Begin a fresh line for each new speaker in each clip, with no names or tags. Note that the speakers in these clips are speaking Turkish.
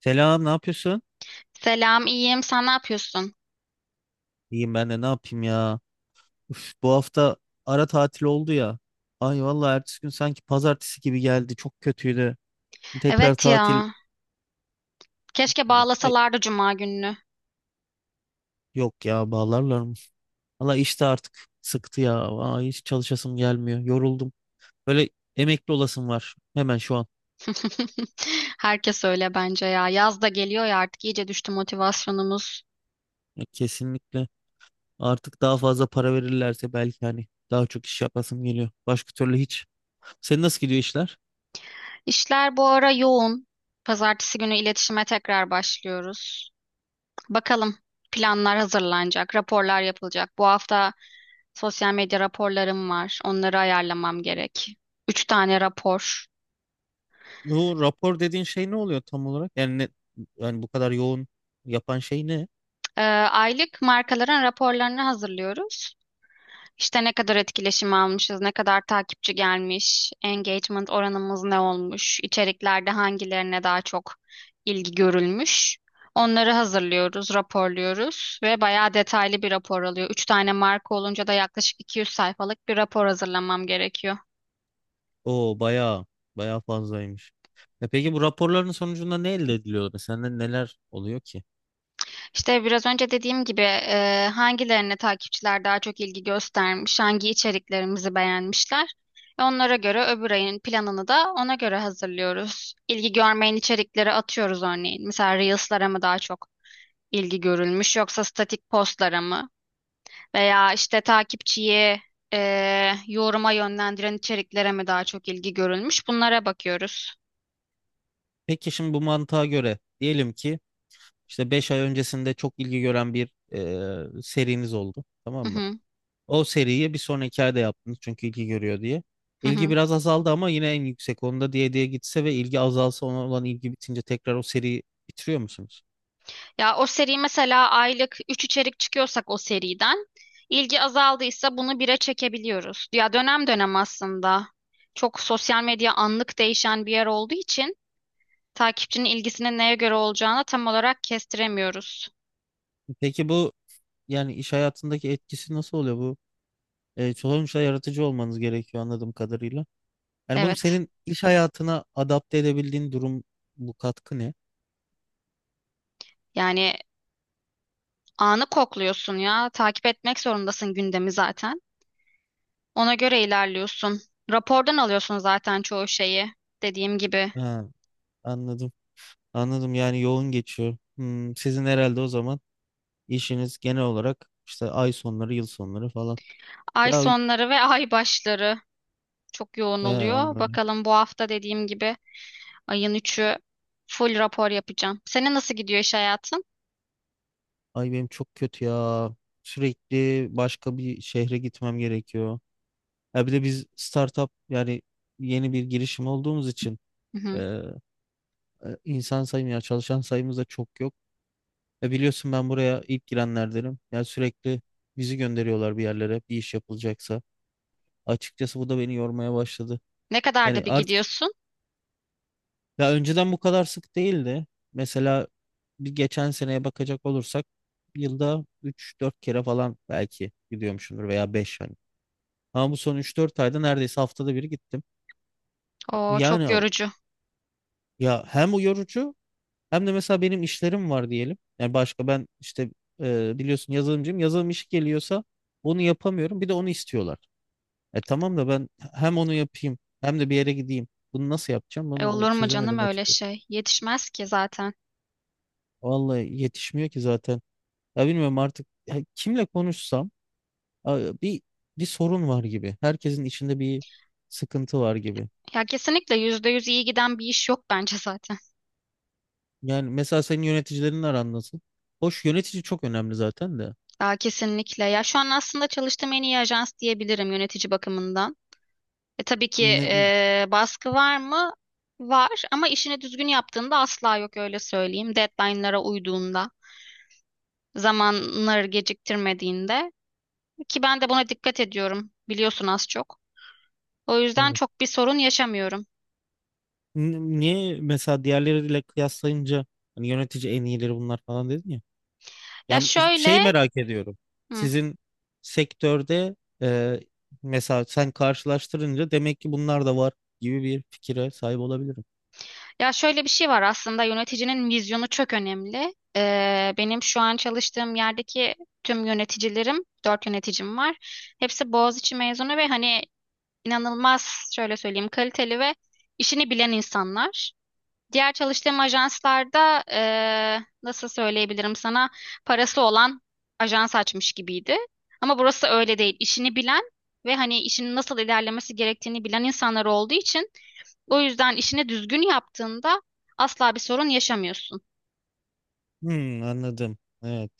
Selam, ne yapıyorsun?
Selam, iyiyim. Sen ne yapıyorsun?
İyiyim ben de ne yapayım ya. Üf, bu hafta ara tatil oldu ya. Ay vallahi ertesi gün sanki pazartesi gibi geldi. Çok kötüydü. Tekrar
Evet
tatil.
ya. Keşke
Ay,
bağlasalardı cuma gününü.
yok ya bağlarlar mı? Valla işte artık sıktı ya. Ay, hiç çalışasım gelmiyor. Yoruldum. Böyle emekli olasım var. Hemen şu an.
Herkes öyle bence ya. Yaz da geliyor ya artık iyice düştü motivasyonumuz.
Ya, kesinlikle. Artık daha fazla para verirlerse belki hani daha çok iş yapasım geliyor. Başka türlü hiç. Senin nasıl gidiyor işler?
İşler bu ara yoğun. Pazartesi günü iletişime tekrar başlıyoruz. Bakalım, planlar hazırlanacak, raporlar yapılacak. Bu hafta sosyal medya raporlarım var. Onları ayarlamam gerek. Üç tane rapor.
Bu rapor dediğin şey ne oluyor tam olarak? Yani bu kadar yoğun yapan şey ne?
Aylık markaların raporlarını hazırlıyoruz. İşte ne kadar etkileşim almışız, ne kadar takipçi gelmiş, engagement oranımız ne olmuş, içeriklerde hangilerine daha çok ilgi görülmüş. Onları hazırlıyoruz, raporluyoruz ve bayağı detaylı bir rapor alıyor. Üç tane marka olunca da yaklaşık 200 sayfalık bir rapor hazırlamam gerekiyor.
O bayağı fazlaymış. E peki bu raporların sonucunda ne elde ediliyor? Mesela neler oluyor ki?
İşte biraz önce dediğim gibi hangilerine takipçiler daha çok ilgi göstermiş, hangi içeriklerimizi beğenmişler. Onlara göre öbür ayın planını da ona göre hazırlıyoruz. İlgi görmeyen içerikleri atıyoruz örneğin. Mesela Reels'lara mı daha çok ilgi görülmüş yoksa statik postlara mı? Veya işte takipçiyi e, yoruma yönlendiren içeriklere mi daha çok ilgi görülmüş? Bunlara bakıyoruz.
Peki şimdi bu mantığa göre diyelim ki işte 5 ay öncesinde çok ilgi gören bir seriniz oldu. Tamam
Hı
mı?
hı,
O seriyi bir sonraki ayda yaptınız çünkü ilgi görüyor diye.
hı
İlgi
hı.
biraz azaldı ama yine en yüksek onda diye diye gitse ve ilgi azalsa ona olan ilgi bitince tekrar o seriyi bitiriyor musunuz?
Ya o seri mesela aylık 3 içerik çıkıyorsak, o seriden ilgi azaldıysa bunu bire çekebiliyoruz. Ya dönem dönem aslında çok sosyal medya anlık değişen bir yer olduğu için takipçinin ilgisinin neye göre olacağını tam olarak kestiremiyoruz.
Peki bu yani iş hayatındaki etkisi nasıl oluyor bu? Sonuçta yaratıcı olmanız gerekiyor anladığım kadarıyla. Yani bunu
Evet.
senin iş hayatına adapte edebildiğin durum bu katkı ne?
Yani anı kokluyorsun ya. Takip etmek zorundasın gündemi zaten. Ona göre ilerliyorsun. Rapordan alıyorsun zaten çoğu şeyi, dediğim gibi.
Ha, anladım. Anladım yani yoğun geçiyor. Hmm, sizin herhalde o zaman işiniz genel olarak işte ay sonları, yıl sonları falan.
Ay
Ya
sonları ve ay başları çok yoğun oluyor.
anladım.
Bakalım, bu hafta dediğim gibi ayın 3'ü full rapor yapacağım. Senin nasıl gidiyor iş hayatın?
Ay benim çok kötü ya. Sürekli başka bir şehre gitmem gerekiyor. Ya bir de biz startup yani yeni bir girişim olduğumuz için
Hı hı.
e, insan sayımı ya çalışan sayımız da çok yok. E biliyorsun ben buraya ilk girenlerdenim. Ya sürekli bizi gönderiyorlar bir yerlere bir iş yapılacaksa. Açıkçası bu da beni yormaya başladı.
Ne kadarda
Yani
bir
artık
gidiyorsun?
ya önceden bu kadar sık değildi. Mesela bir geçen seneye bakacak olursak yılda 3-4 kere falan belki gidiyormuşumdur veya 5 Ama bu son 3-4 ayda neredeyse haftada bir gittim.
O çok
Yani
yorucu.
ya hem o yorucu hem de mesela benim işlerim var diyelim. Yani başka ben işte biliyorsun yazılımcıyım. Yazılım işi geliyorsa onu yapamıyorum. Bir de onu istiyorlar. E tamam da ben hem onu yapayım hem de bir yere gideyim. Bunu nasıl yapacağım?
E,
Bunu
olur mu canım
çözemedim
öyle
açıkçası.
şey? Yetişmez ki zaten.
Vallahi yetişmiyor ki zaten. Ya bilmiyorum artık ya kimle konuşsam a, bir bir sorun var gibi. Herkesin içinde bir sıkıntı var gibi.
Ya kesinlikle, %100 iyi giden bir iş yok bence zaten.
Yani mesela senin yöneticilerin aran nasıl? Hoş yönetici çok önemli zaten de.
Daha kesinlikle. Ya şu an aslında çalıştığım en iyi ajans diyebilirim yönetici bakımından. Tabii ki
Ne,
baskı var mı? Var ama işini düzgün yaptığında asla yok, öyle söyleyeyim. Deadline'lara uyduğunda, zamanları geciktirmediğinde. Ki ben de buna dikkat ediyorum, biliyorsun az çok. O yüzden
tabii.
çok bir sorun yaşamıyorum.
Niye mesela diğerleriyle kıyaslayınca hani yönetici en iyileri bunlar falan dedin ya.
Ya
Yani şey
şöyle,
merak ediyorum.
hı,
Sizin sektörde e, mesela sen karşılaştırınca demek ki bunlar da var gibi bir fikire sahip olabilirim.
ya şöyle bir şey var aslında, yöneticinin vizyonu çok önemli. Benim şu an çalıştığım yerdeki tüm yöneticilerim, dört yöneticim var. Hepsi Boğaziçi mezunu ve hani inanılmaz, şöyle söyleyeyim, kaliteli ve işini bilen insanlar. Diğer çalıştığım ajanslarda nasıl söyleyebilirim sana, parası olan ajans açmış gibiydi. Ama burası öyle değil. İşini bilen ve hani işinin nasıl ilerlemesi gerektiğini bilen insanlar olduğu için o yüzden işini düzgün yaptığında asla bir sorun yaşamıyorsun.
Hmm, anladım. Evet.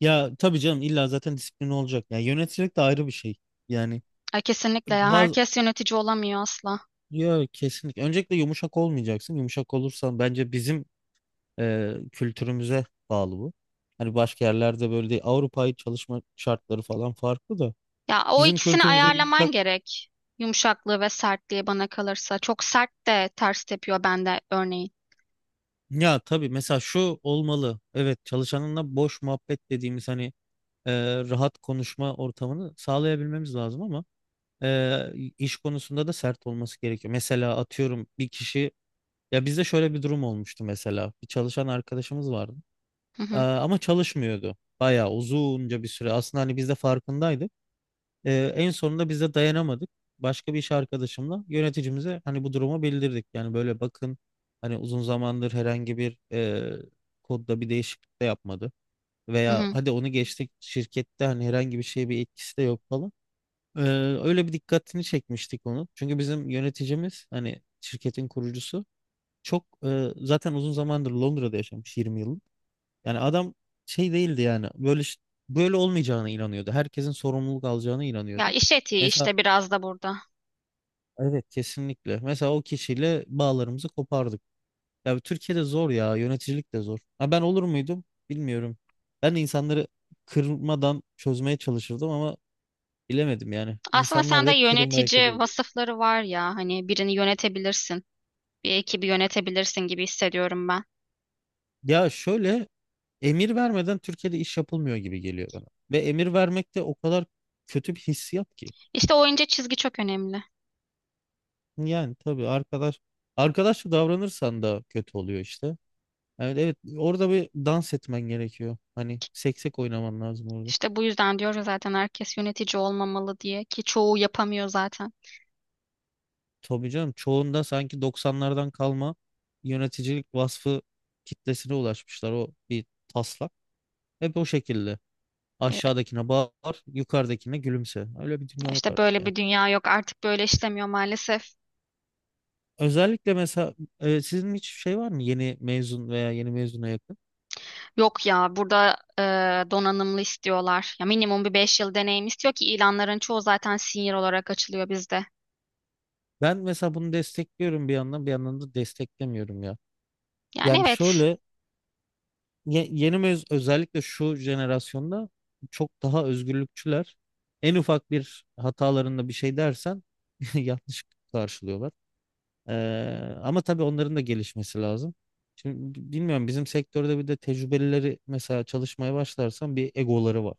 Ya tabii canım illa zaten disiplin olacak. Yani yöneticilik de ayrı bir şey. Yani
Ay, kesinlikle ya,
bazı
herkes yönetici olamıyor asla.
Ya kesinlikle. Öncelikle yumuşak olmayacaksın. Yumuşak olursan bence bizim kültürümüze bağlı bu. Hani başka yerlerde böyle değil. Avrupa'yı çalışma şartları falan farklı da.
Ya o
Bizim
ikisini
kültürümüze
ayarlaman
yumuşak.
gerek. Yumuşaklığı ve sertliği, bana kalırsa. Çok sert de ters tepiyor bende örneğin.
Ya tabii mesela şu olmalı. Evet çalışanınla boş muhabbet dediğimiz hani e, rahat konuşma ortamını sağlayabilmemiz lazım ama e, iş konusunda da sert olması gerekiyor. Mesela atıyorum bir kişi ya bizde şöyle bir durum olmuştu mesela. Bir çalışan arkadaşımız vardı.
Hı hı,
Ama çalışmıyordu. Bayağı uzunca bir süre. Aslında hani biz de farkındaydık. En sonunda biz de dayanamadık. Başka bir iş arkadaşımla yöneticimize hani bu durumu bildirdik. Yani böyle bakın hani uzun zamandır herhangi bir kodda bir değişiklik de yapmadı.
hı
Veya
hı.
hadi onu geçtik şirkette hani herhangi bir şeye bir etkisi de yok falan. Ee, öyle bir dikkatini çekmiştik onu. Çünkü bizim yöneticimiz hani şirketin kurucusu çok zaten uzun zamandır Londra'da yaşamış 20 yıl. Yani adam şey değildi yani böyle böyle olmayacağına inanıyordu. Herkesin sorumluluk alacağına
Ya
inanıyordu.
iş etiği
Mesela
işte biraz da burada.
evet kesinlikle. Mesela o kişiyle bağlarımızı kopardık. Ya Türkiye'de zor ya yöneticilik de zor. Ha ben olur muydum bilmiyorum. Ben de insanları kırmadan çözmeye çalışırdım ama bilemedim yani.
Aslında
İnsanlar da
sende
hep kırılmayı hak ediyor
yönetici
gibi.
vasıfları var ya, hani birini yönetebilirsin, bir ekibi yönetebilirsin gibi hissediyorum ben.
Ya şöyle emir vermeden Türkiye'de iş yapılmıyor gibi geliyor bana. Ve emir vermek de o kadar kötü bir hissiyat ki.
İşte o ince çizgi çok önemli.
Yani tabii arkadaşça davranırsan da kötü oluyor işte. Evet evet orada bir dans etmen gerekiyor. Hani seksek oynaman lazım orada.
İşte bu yüzden diyoruz zaten herkes yönetici olmamalı diye, ki çoğu yapamıyor zaten.
Tabii canım çoğunda sanki doksanlardan kalma yöneticilik vasfı kitlesine ulaşmışlar o bir taslak. Hep o şekilde.
E,
Aşağıdakine bağır, yukarıdakine gülümse. Öyle bir dünya yok
İşte
artık
böyle
ya.
bir dünya yok artık, böyle işlemiyor maalesef.
Özellikle mesela sizin hiç şey var mı yeni mezun veya yeni mezuna yakın?
Yok ya, burada donanımlı istiyorlar. Ya minimum bir 5 yıl deneyim istiyor ki ilanların çoğu zaten senior olarak açılıyor bizde.
Ben mesela bunu destekliyorum bir yandan bir yandan da desteklemiyorum ya.
Yani
Yani
evet
şöyle ye- yeni mez özellikle şu jenerasyonda çok daha özgürlükçüler. En ufak bir hatalarında bir şey dersen yanlış karşılıyorlar. Ee, ama tabii onların da gelişmesi lazım. Şimdi bilmiyorum bizim sektörde bir de tecrübelileri mesela çalışmaya başlarsan bir egoları var.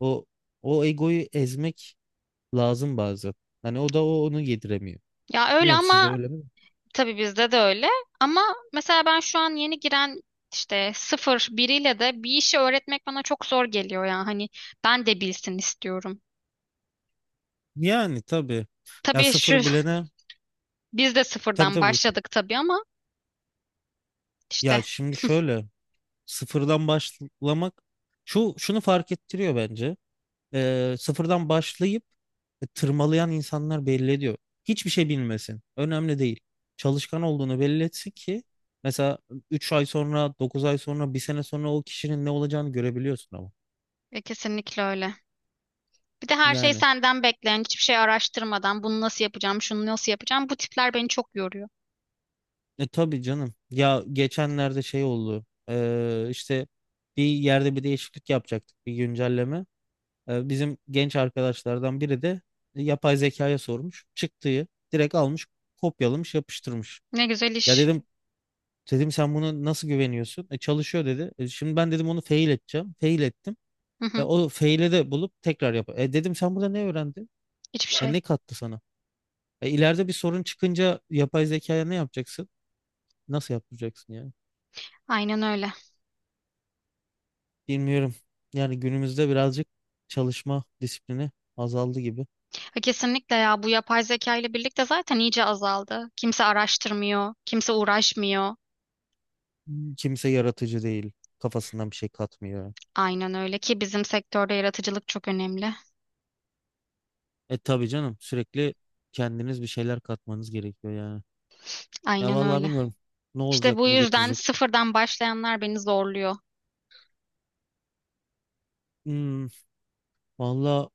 O o egoyu ezmek lazım bazen. Hani o da o onu yediremiyor.
ya, öyle
Bilmiyorum sizde
ama
öyle mi?
tabii bizde de öyle. Ama mesela ben şu an yeni giren, işte sıfır biriyle de bir işi öğretmek bana çok zor geliyor ya. Hani ben de bilsin istiyorum.
Yani tabii. Ya
Tabii
sıfır bilene
biz de
tabii
sıfırdan
tabii.
başladık tabii ama işte.
Ya şimdi şöyle. Sıfırdan başlamak şunu fark ettiriyor bence. Sıfırdan başlayıp tırmalayan insanlar belli ediyor. Hiçbir şey bilmesin. Önemli değil. Çalışkan olduğunu belli etsin ki mesela 3 ay sonra, 9 ay sonra, bir sene sonra o kişinin ne olacağını görebiliyorsun ama.
Kesinlikle öyle. Bir de her şey
Yani
senden bekleyen, hiçbir şey araştırmadan bunu nasıl yapacağım, şunu nasıl yapacağım. Bu tipler beni çok yoruyor.
tabii canım. Ya geçenlerde şey oldu. İşte bir yerde bir değişiklik yapacaktık, bir güncelleme. E, bizim genç arkadaşlardan biri de yapay zekaya sormuş. Çıktığı direkt almış, kopyalamış, yapıştırmış.
Ne güzel
Ya
iş.
dedim sen bunu nasıl güveniyorsun? E, çalışıyor dedi. E, şimdi ben dedim onu fail edeceğim. Fail ettim.
Hı
E,
hı,
o fail'i de bulup tekrar yap. E, dedim sen burada ne öğrendin?
hiçbir
E,
şey.
ne kattı sana? E, ileride bir sorun çıkınca yapay zekaya ne yapacaksın? Nasıl yaptıracaksın yani?
Aynen öyle.
Bilmiyorum. Yani günümüzde birazcık çalışma disiplini azaldı gibi.
Ha, kesinlikle ya, bu yapay zeka ile birlikte zaten iyice azaldı. Kimse araştırmıyor, kimse uğraşmıyor.
Kimse yaratıcı değil. Kafasından bir şey katmıyor.
Aynen öyle ki bizim sektörde yaratıcılık çok önemli.
E tabii canım sürekli kendiniz bir şeyler katmanız gerekiyor yani. Ya
Aynen
vallahi
öyle.
bilmiyorum ne
İşte
olacak
bu
ne
yüzden
getirecek.
sıfırdan başlayanlar beni zorluyor.
Hmm, vallahi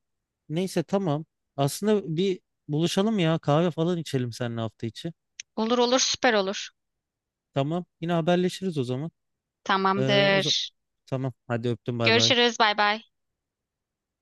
neyse tamam. Aslında bir buluşalım ya kahve falan içelim seninle hafta içi.
Olur olur, süper olur.
Tamam yine haberleşiriz o zaman. Ee, o zaman
Tamamdır.
tamam hadi öptüm bay bay.
Görüşürüz, bay bay.